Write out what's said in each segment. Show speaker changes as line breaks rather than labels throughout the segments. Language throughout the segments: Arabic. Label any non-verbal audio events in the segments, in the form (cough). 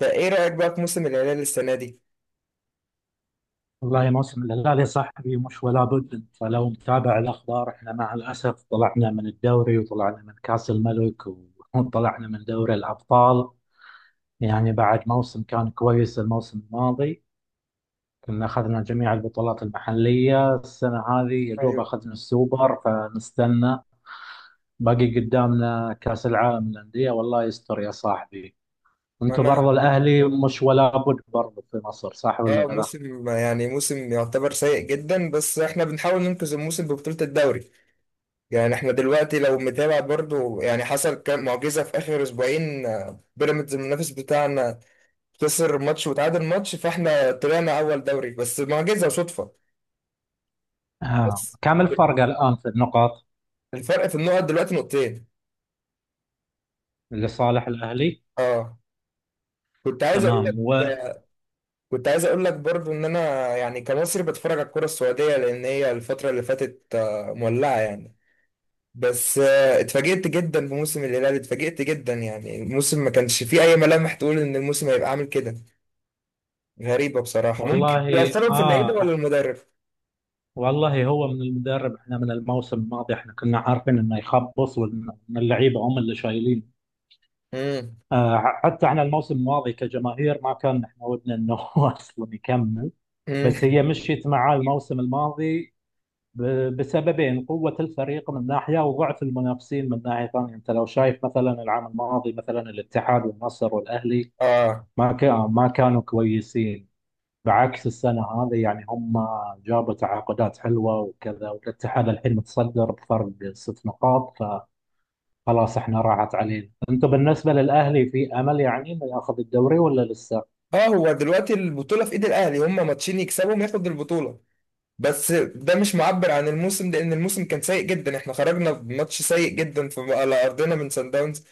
فايه رأيك بقى في موسم الهلال السنة دي؟
والله موسم الهلال يا صاحبي مش ولا بد. انت لو متابع الاخبار، احنا مع الاسف طلعنا من الدوري وطلعنا من كاس الملك (laughs) وطلعنا من دوري الابطال. يعني بعد موسم كان كويس الموسم الماضي، كنا اخذنا جميع البطولات المحليه، السنه هذه يا دوب
ايوه،
اخذنا السوبر، فنستنى باقي قدامنا كاس العالم للانديه، والله يستر يا صاحبي.
ما
انتوا
انا،
برضو الاهلي مش ولا بد برضو في مصر، صح ولا
اه،
لا؟
موسم موسم يعتبر سيء جدا، بس احنا بنحاول ننقذ الموسم ببطولة الدوري. يعني احنا دلوقتي لو متابع برضو يعني حصل كام معجزة في اخر اسبوعين. بيراميدز المنافس بتاعنا خسر ماتش وتعادل ماتش، فاحنا طلعنا اول دوري بس معجزة وصدفة.
آه.
بس
كم الفرق الان في النقط؟
الفرق في النقط دلوقتي نقطتين.
لصالح الاهلي.
اه، كنت عايز اقول
تمام
لك، كنت عايز اقول لك برضو ان انا، يعني كمصري بتفرج على الكرة السعودية، لان هي الفترة اللي فاتت مولعة يعني. بس اتفاجئت جدا بموسم الهلال، اتفاجئت جدا. يعني الموسم ما كانش فيه اي ملامح تقول ان الموسم هيبقى عامل كده، غريبة بصراحة. ممكن
والله
يبقى السبب في اللعيبة ولا
اه.
المدرب.
والله هو من المدرب، احنا من الموسم الماضي احنا كنا عارفين انه يخبص وان إن اللعيبه هم اللي شايلين.
امم
آه، حتى احنا الموسم الماضي كجماهير ما كان احنا ودنا انه (laughs) هو اصلا يكمل. بس
امم
هي
(laughs)
مشيت معاه الموسم الماضي ب... بسببين: قوه الفريق من ناحيه وضعف المنافسين من ناحيه ثانيه. انت لو شايف مثلا العام الماضي مثلا، الاتحاد والنصر والاهلي
اه،
ما كانوا كويسين، بعكس السنة هذه. يعني هم جابوا تعاقدات حلوة وكذا، والاتحاد الحين متصدر بفرق ست نقاط. فخلاص احنا راحت علينا. انتم بالنسبة للأهلي في أمل يعني انه ياخذ الدوري ولا لسه؟
اه، هو دلوقتي البطولة في ايد الاهلي، هم ماتشين يكسبهم ياخد البطولة. بس ده مش معبر عن الموسم، لان الموسم كان سيء جدا. احنا خرجنا بماتش سيء جدا في على ارضنا من سان داونز،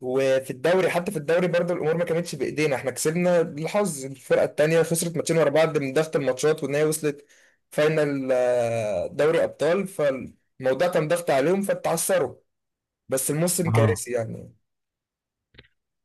وفي الدوري، حتى في الدوري برضه الامور ما كانتش بايدينا. احنا كسبنا بالحظ، الفرقه التانيه خسرت ماتشين ورا بعض من ضغط الماتشات وان هي وصلت فاينل دوري ابطال، فالموضوع كان ضغط عليهم فتعثروا. بس الموسم
آه.
كارثي يعني.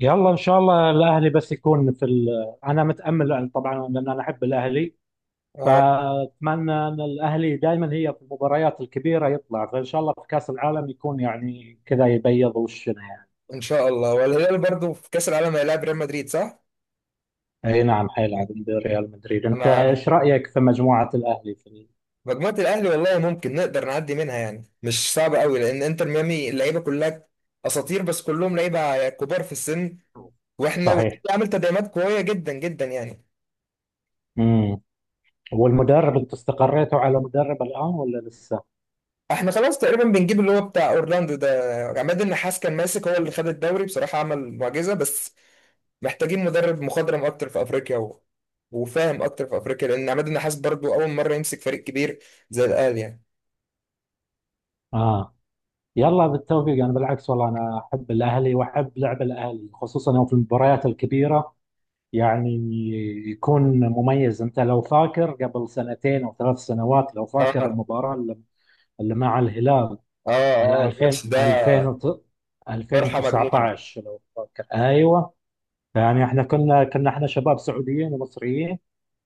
يلا ان شاء الله الأهلي بس يكون في انا متأمل يعني طبعا لأن انا احب الأهلي، فأتمنى أن الأهلي دائما هي في المباريات الكبيرة يطلع، فإن شاء الله في كأس العالم يكون يعني كذا يبيض وشنا يعني.
ان شاء الله، والهلال برضه في كاس العالم هيلاعب ريال مدريد صح؟
اي نعم حيلعب ضد ريال مدريد. انت
انا،
ايش رايك في مجموعه الاهلي في
مجموعه الاهلي والله ممكن نقدر نعدي منها، يعني مش صعبه قوي، لان انتر ميامي اللعيبه كلها اساطير بس كلهم لعيبه كبار في السن. واحنا والنادي
صحيح.
عامل تدعيمات قويه جدا جدا يعني.
امم. والمدرب، انت استقريتوا على مدرب الان ولا لسه؟
احنا خلاص تقريبا بنجيب اللي هو بتاع اورلاندو ده. عماد النحاس كان ماسك، هو اللي خد الدوري بصراحة، عمل معجزة، بس محتاجين مدرب مخضرم اكتر في افريقيا و... وفاهم اكتر في افريقيا، لان عماد النحاس برضو اول مرة يمسك فريق كبير زي الاهلي يعني.
اه، يلا بالتوفيق. انا بالعكس والله انا احب الاهلي واحب لعب الاهلي خصوصا يوم في المباريات الكبيره، يعني يكون مميز. انت لو فاكر قبل سنتين او ثلاث سنوات، لو فاكر
اه،
المباراه اللي مع الهلال
اه، اه
على
الماتش
2000
ده،
2000
فرحة مجنونة.
2019، لو فاكر، ايوه. يعني احنا كنا كنا احنا شباب سعوديين ومصريين،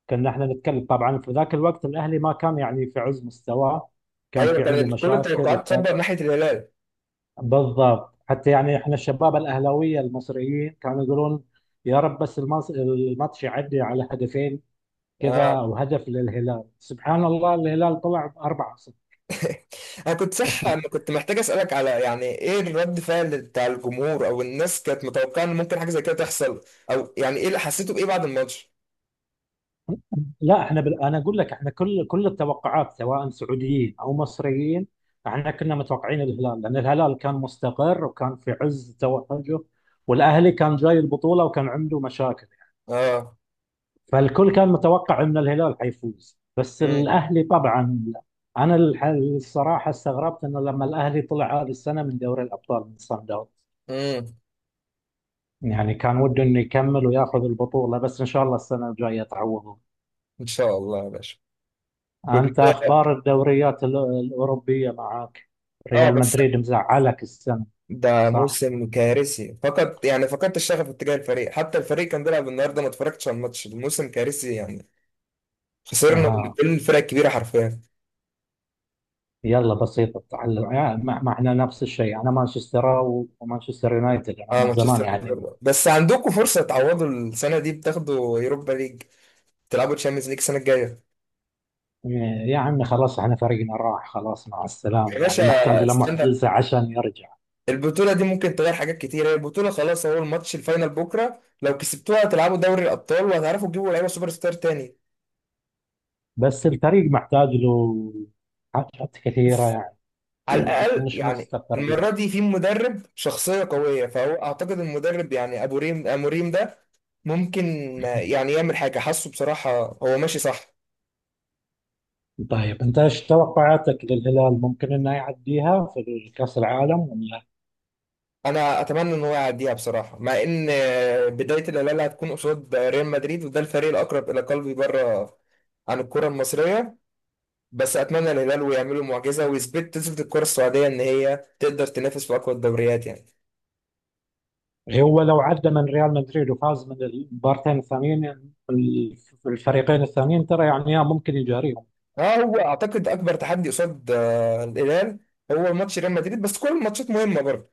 كنا احنا نتكلم. طبعا في ذاك الوقت الاهلي ما كان يعني في عز مستواه، كان
ايوه،
في عنده
كان كل
مشاكل
التوقعات تصب
وكان.
ناحية الهلال.
بالضبط، حتى يعني احنا الشباب الاهلاويه المصريين كانوا يقولون يا رب بس الماتش يعدي على هدفين كذا
اه
او هدف للهلال، سبحان الله الهلال طلع باربعه.
(laughs) انا كنت صح، انا كنت محتاج اسالك على يعني ايه الرد فعل بتاع الجمهور، او الناس كانت متوقعه ان ممكن حاجه زي كده تحصل، او يعني ايه اللي حسيته بايه بعد الماتش.
لا احنا انا اقول لك احنا كل التوقعات سواء سعوديين او مصريين، احنا كنا متوقعين الهلال لان الهلال كان مستقر وكان في عز توجه، والاهلي كان جاي البطوله وكان عنده مشاكل.
اه،
فالكل كان متوقع ان الهلال حيفوز، بس
امم
الاهلي طبعا. انا الصراحه استغربت انه لما الاهلي طلع هذه السنه من دوري الابطال من صن داونز،
امم
يعني كان وده انه يكمل وياخذ البطوله. بس ان شاء الله السنه الجايه تعوض.
ان شاء الله يا باشا. كنت،
أنت أخبار الدوريات الأوروبية معاك؟
اه،
ريال
بس
مدريد مزعلك السنة،
ده
صح؟
موسم كارثي فقط يعني. فقدت الشغف اتجاه الفريق، حتى الفريق كان بيلعب النهارده ما اتفرجتش على الماتش، الموسم كارثي يعني. خسرنا من
ها،
كل الفرق الكبيره حرفيا.
يلا بسيطة، التعلم يعني معنا نفس الشيء. أنا مانشستر ومانشستر يونايتد أنا
اه
من زمان
مانشستر
يعني،
يونايتد. بس عندكم فرصه تعوضوا السنه دي، بتاخدوا يوروبا ليج، تلعبوا تشامبيونز ليج السنه الجايه.
آه، يا عمي خلاص احنا فريقنا راح، خلاص مع
يا
السلامة،
باشا
يعني محتاج له
استنى،
معجزة عشان يرجع.
البطوله دي ممكن تغير حاجات كتير. هي البطوله خلاص، هو الماتش الفاينل بكره، لو كسبتوها هتلعبوا دوري الابطال، وهتعرفوا تجيبوا لعيبه سوبر ستار تاني.
بس الفريق محتاج له حاجات كثيرة يعني.
على
(clears throat)
الأقل
مش
يعني
مستقرين.
المرة دي في مدرب شخصية قوية، فهو أعتقد المدرب يعني أبو ريم أموريم ده ممكن يعني يعمل حاجة، حاسه بصراحة هو ماشي صح.
طيب انت ايش توقعاتك للهلال، ممكن انه يعديها في كأس العالم؟
أنا أتمنى إن هو يعديها بصراحة، مع إن بداية الهلال هتكون قصاد ريال مدريد، وده الفريق الأقرب إلى قلبي بره عن الكرة المصرية. بس أتمنى الهلال ويعملوا معجزة، ويثبت، تثبت الكرة السعودية إن هي تقدر تنافس في أقوى الدوريات يعني.
هو لو عدى من ريال مدريد وفاز من المبارتين الثانيين، الفريقين الثانيين، ترى يعني ممكن يجاريهم.
اه، هو اعتقد اكبر تحدي قصاد الهلال هو ماتش ريال مدريد، بس كل الماتشات مهمه برضه.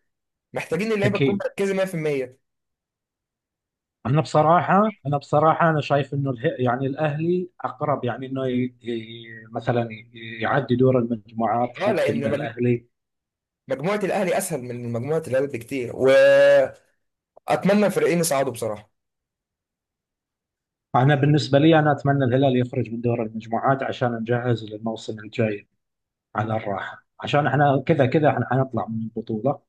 محتاجين اللعيبه تكون
اكيد.
مركزه 100%.
انا بصراحه انا شايف انه يعني الاهلي اقرب، يعني انه يعدي دور المجموعات،
اه،
ممكن
لان
إن الاهلي.
مجموعه الاهلي اسهل من مجموعه الهلال بكتير، واتمنى الفريقين يصعدوا بصراحه.
انا بالنسبه لي انا اتمنى الهلال يخرج من دور المجموعات عشان نجهز للموسم الجاي على الراحه، عشان احنا كذا كذا احنا حنطلع من البطوله.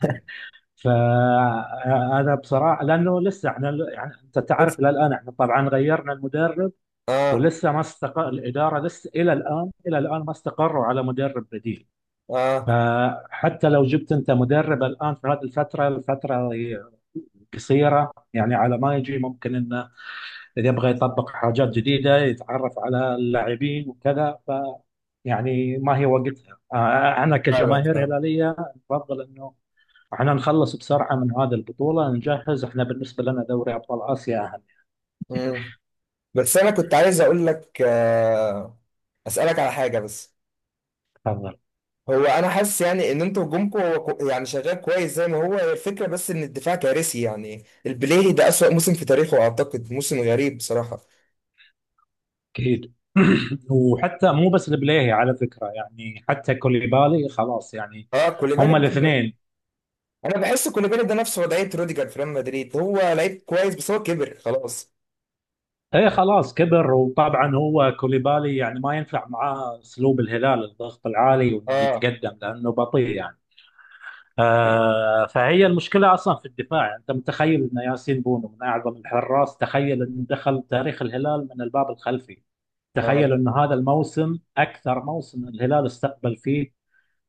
(laughs)
فانا بصراحه لانه لسه احنا، يعني انت
بس
تعرف الى الان احنا طبعا غيرنا المدرب
اه،
ولسه ما استقر الاداره، لسه الى الان ما استقروا على مدرب بديل.
اه،
فحتى لو جبت انت مدرب الان في هذه الفتره قصيره يعني، على ما يجي ممكن انه اذا يبغى يطبق حاجات جديده يتعرف على اللاعبين وكذا، فيعني ما هي وقتها. انا
فعلا
كجماهير
فعلا.
هلاليه افضل انه احنا نخلص بسرعة من هذه البطولة نجهز. احنا بالنسبة لنا دوري أبطال آسيا أهم.
مم. بس انا كنت عايز اقول لك، آه، اسالك على حاجه بس.
تفضل.
هو انا حاسس يعني ان انتوا هجومكم هو يعني شغال كويس زي ما هو، هي الفكره، بس ان الدفاع كارثي يعني. البليهي ده اسوأ موسم في تاريخه اعتقد، موسم غريب بصراحه.
أكيد. (clears throat) وحتى مو بس البليهي على فكرة، يعني حتى كوليبالي خلاص يعني.
اه كوليبالي (laughs)
هما
بتكبر.
الاثنين.
انا بحس كوليبالي ده نفس وضعيه روديجر في ريال مدريد، هو لعيب كويس بس هو كبر خلاص.
ايه خلاص كبر. وطبعا هو كوليبالي يعني ما ينفع معاه اسلوب الهلال، الضغط العالي وانه
اه،
يتقدم لانه بطيء يعني. آه، فهي المشكله اصلا في الدفاع. يعني انت متخيل ان ياسين بونو من اعظم الحراس، تخيل انه دخل تاريخ الهلال من الباب الخلفي.
اه،
تخيل
لا.
أن هذا الموسم أكثر موسم الهلال استقبل فيه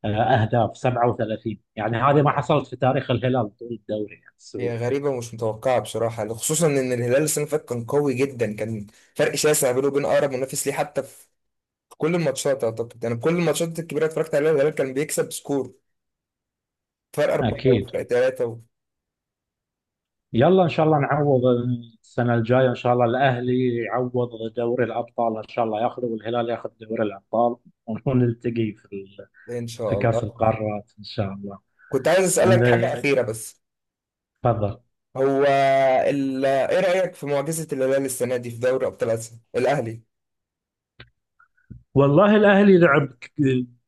أهداف، 37 يعني، هذه ما حصلت في تاريخ الهلال طول الدوري يعني
هي
السعودي.
غريبه ومش متوقعه بصراحه، خصوصا ان الهلال السنه اللي فاتت كان قوي جدا، كان فرق شاسع بينه وبين اقرب منافس ليه. حتى في كل الماتشات اعتقد، يعني كل الماتشات الكبيره اتفرجت عليها الهلال كان بيكسب سكور، فرق 4
أكيد.
وفرق 3 و...
يلا إن شاء الله نعوض السنة الجاية، إن شاء الله الأهلي يعوض دوري الأبطال إن شاء الله ياخذه، والهلال ياخذ دوري الأبطال، ونلتقي في
إن
في
شاء
كأس
الله.
القارات إن شاء الله.
كنت عايز أسألك حاجة
أنا-
أخيرة بس.
تفضل.
هو ال... إيه رأيك في معجزة الهلال السنة دي في دوري أبطال آسيا الأهلي.
والله الاهلي لعب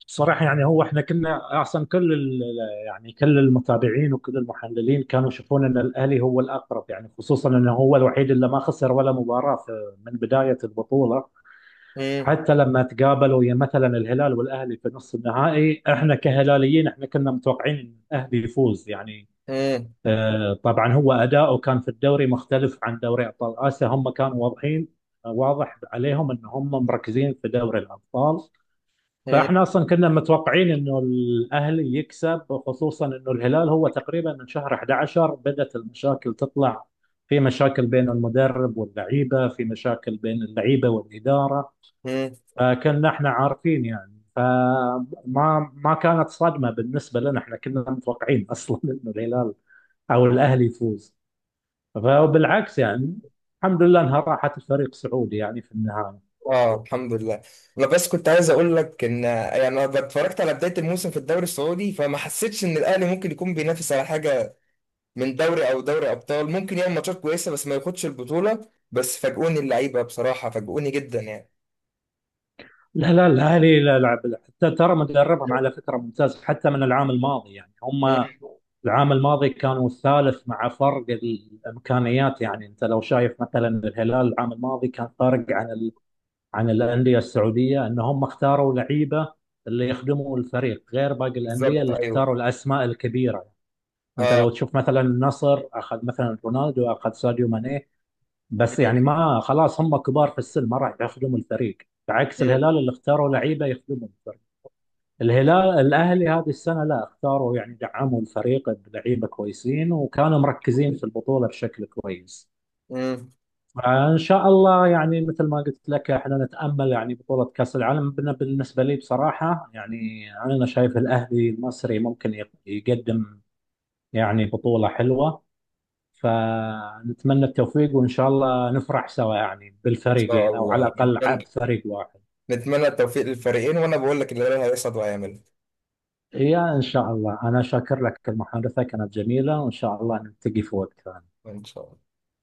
بصراحه، يعني هو احنا كنا احسن. كل يعني كل المتابعين وكل المحللين كانوا يشوفون ان الاهلي هو الاقرب، يعني خصوصا انه هو الوحيد اللي ما خسر ولا مباراه من بدايه البطوله.
مم.
حتى لما تقابلوا يا مثلا الهلال والاهلي في نصف النهائي، احنا كهلاليين احنا كنا متوقعين ان الاهلي يفوز يعني.
مم.
طبعا هو اداؤه كان في الدوري مختلف عن دوري ابطال اسيا، هم كانوا واضحين، واضح عليهم ان هم مركزين في دوري الابطال.
مم.
فاحنا اصلا كنا متوقعين انه الاهلي يكسب، خصوصا انه الهلال هو تقريبا من شهر 11 بدات المشاكل تطلع، في مشاكل بين المدرب واللعيبه، في مشاكل بين اللعيبه والاداره.
مم.
فكنا احنا عارفين يعني، ما كانت صدمه بالنسبه لنا، احنا كنا متوقعين اصلا (laughs) انه الهلال او الاهلي يفوز. فبالعكس يعني، الحمد لله انها راحت الفريق سعودي يعني في النهايه.
اه الحمد لله. انا بس كنت عايز اقول لك ان يعني انا اتفرجت على بدايه الموسم في الدوري السعودي، فما حسيتش ان الاهلي ممكن يكون بينافس على حاجه، من دوري او دوري ابطال، ممكن يعمل ماتشات كويسه بس ما ياخدش البطوله. بس فاجئوني اللعيبه بصراحه، فاجئوني جدا يعني.
لا لا، الأهلي لا لعب، حتى ترى مدربهم على فكرة ممتاز حتى من العام الماضي. يعني هم
مم.
العام الماضي كانوا الثالث مع فرق الإمكانيات. يعني أنت لو شايف مثلا الهلال العام الماضي، كان فارق عن عن الأندية السعودية، أن هم اختاروا لعيبة اللي يخدموا الفريق غير باقي الأندية
بالظبط
اللي
ايوه.
اختاروا الأسماء الكبيرة. أنت لو
اه.
تشوف مثلا النصر أخذ مثلا رونالدو، أخذ ساديو ماني، بس يعني ما خلاص هم كبار في السن ما راح يخدموا الفريق، بعكس
مم.
الهلال اللي اختاروا لعيبه يخدمهم. الاهلي هذه السنه لا، اختاروا يعني دعموا الفريق بلعيبه كويسين وكانوا مركزين في البطوله بشكل كويس.
مم.
فان شاء الله يعني مثل ما قلت لك احنا نتامل يعني بطوله كاس العالم. بالنسبه لي بصراحه يعني انا شايف الاهلي المصري ممكن يقدم يعني بطوله حلوه. فنتمنى التوفيق وان شاء الله نفرح سوا يعني
ان شاء
بالفريقين، او على
الله
الاقل عاد
نتمنى،
فريق واحد.
نتمنى التوفيق للفريقين، وانا بقول لك اللي هيحصل وهيعمله.
يا إن شاء الله، أنا شاكر لك، المحادثة كانت جميلة وإن شاء الله نلتقي في وقت ثاني.
ان شاء الله.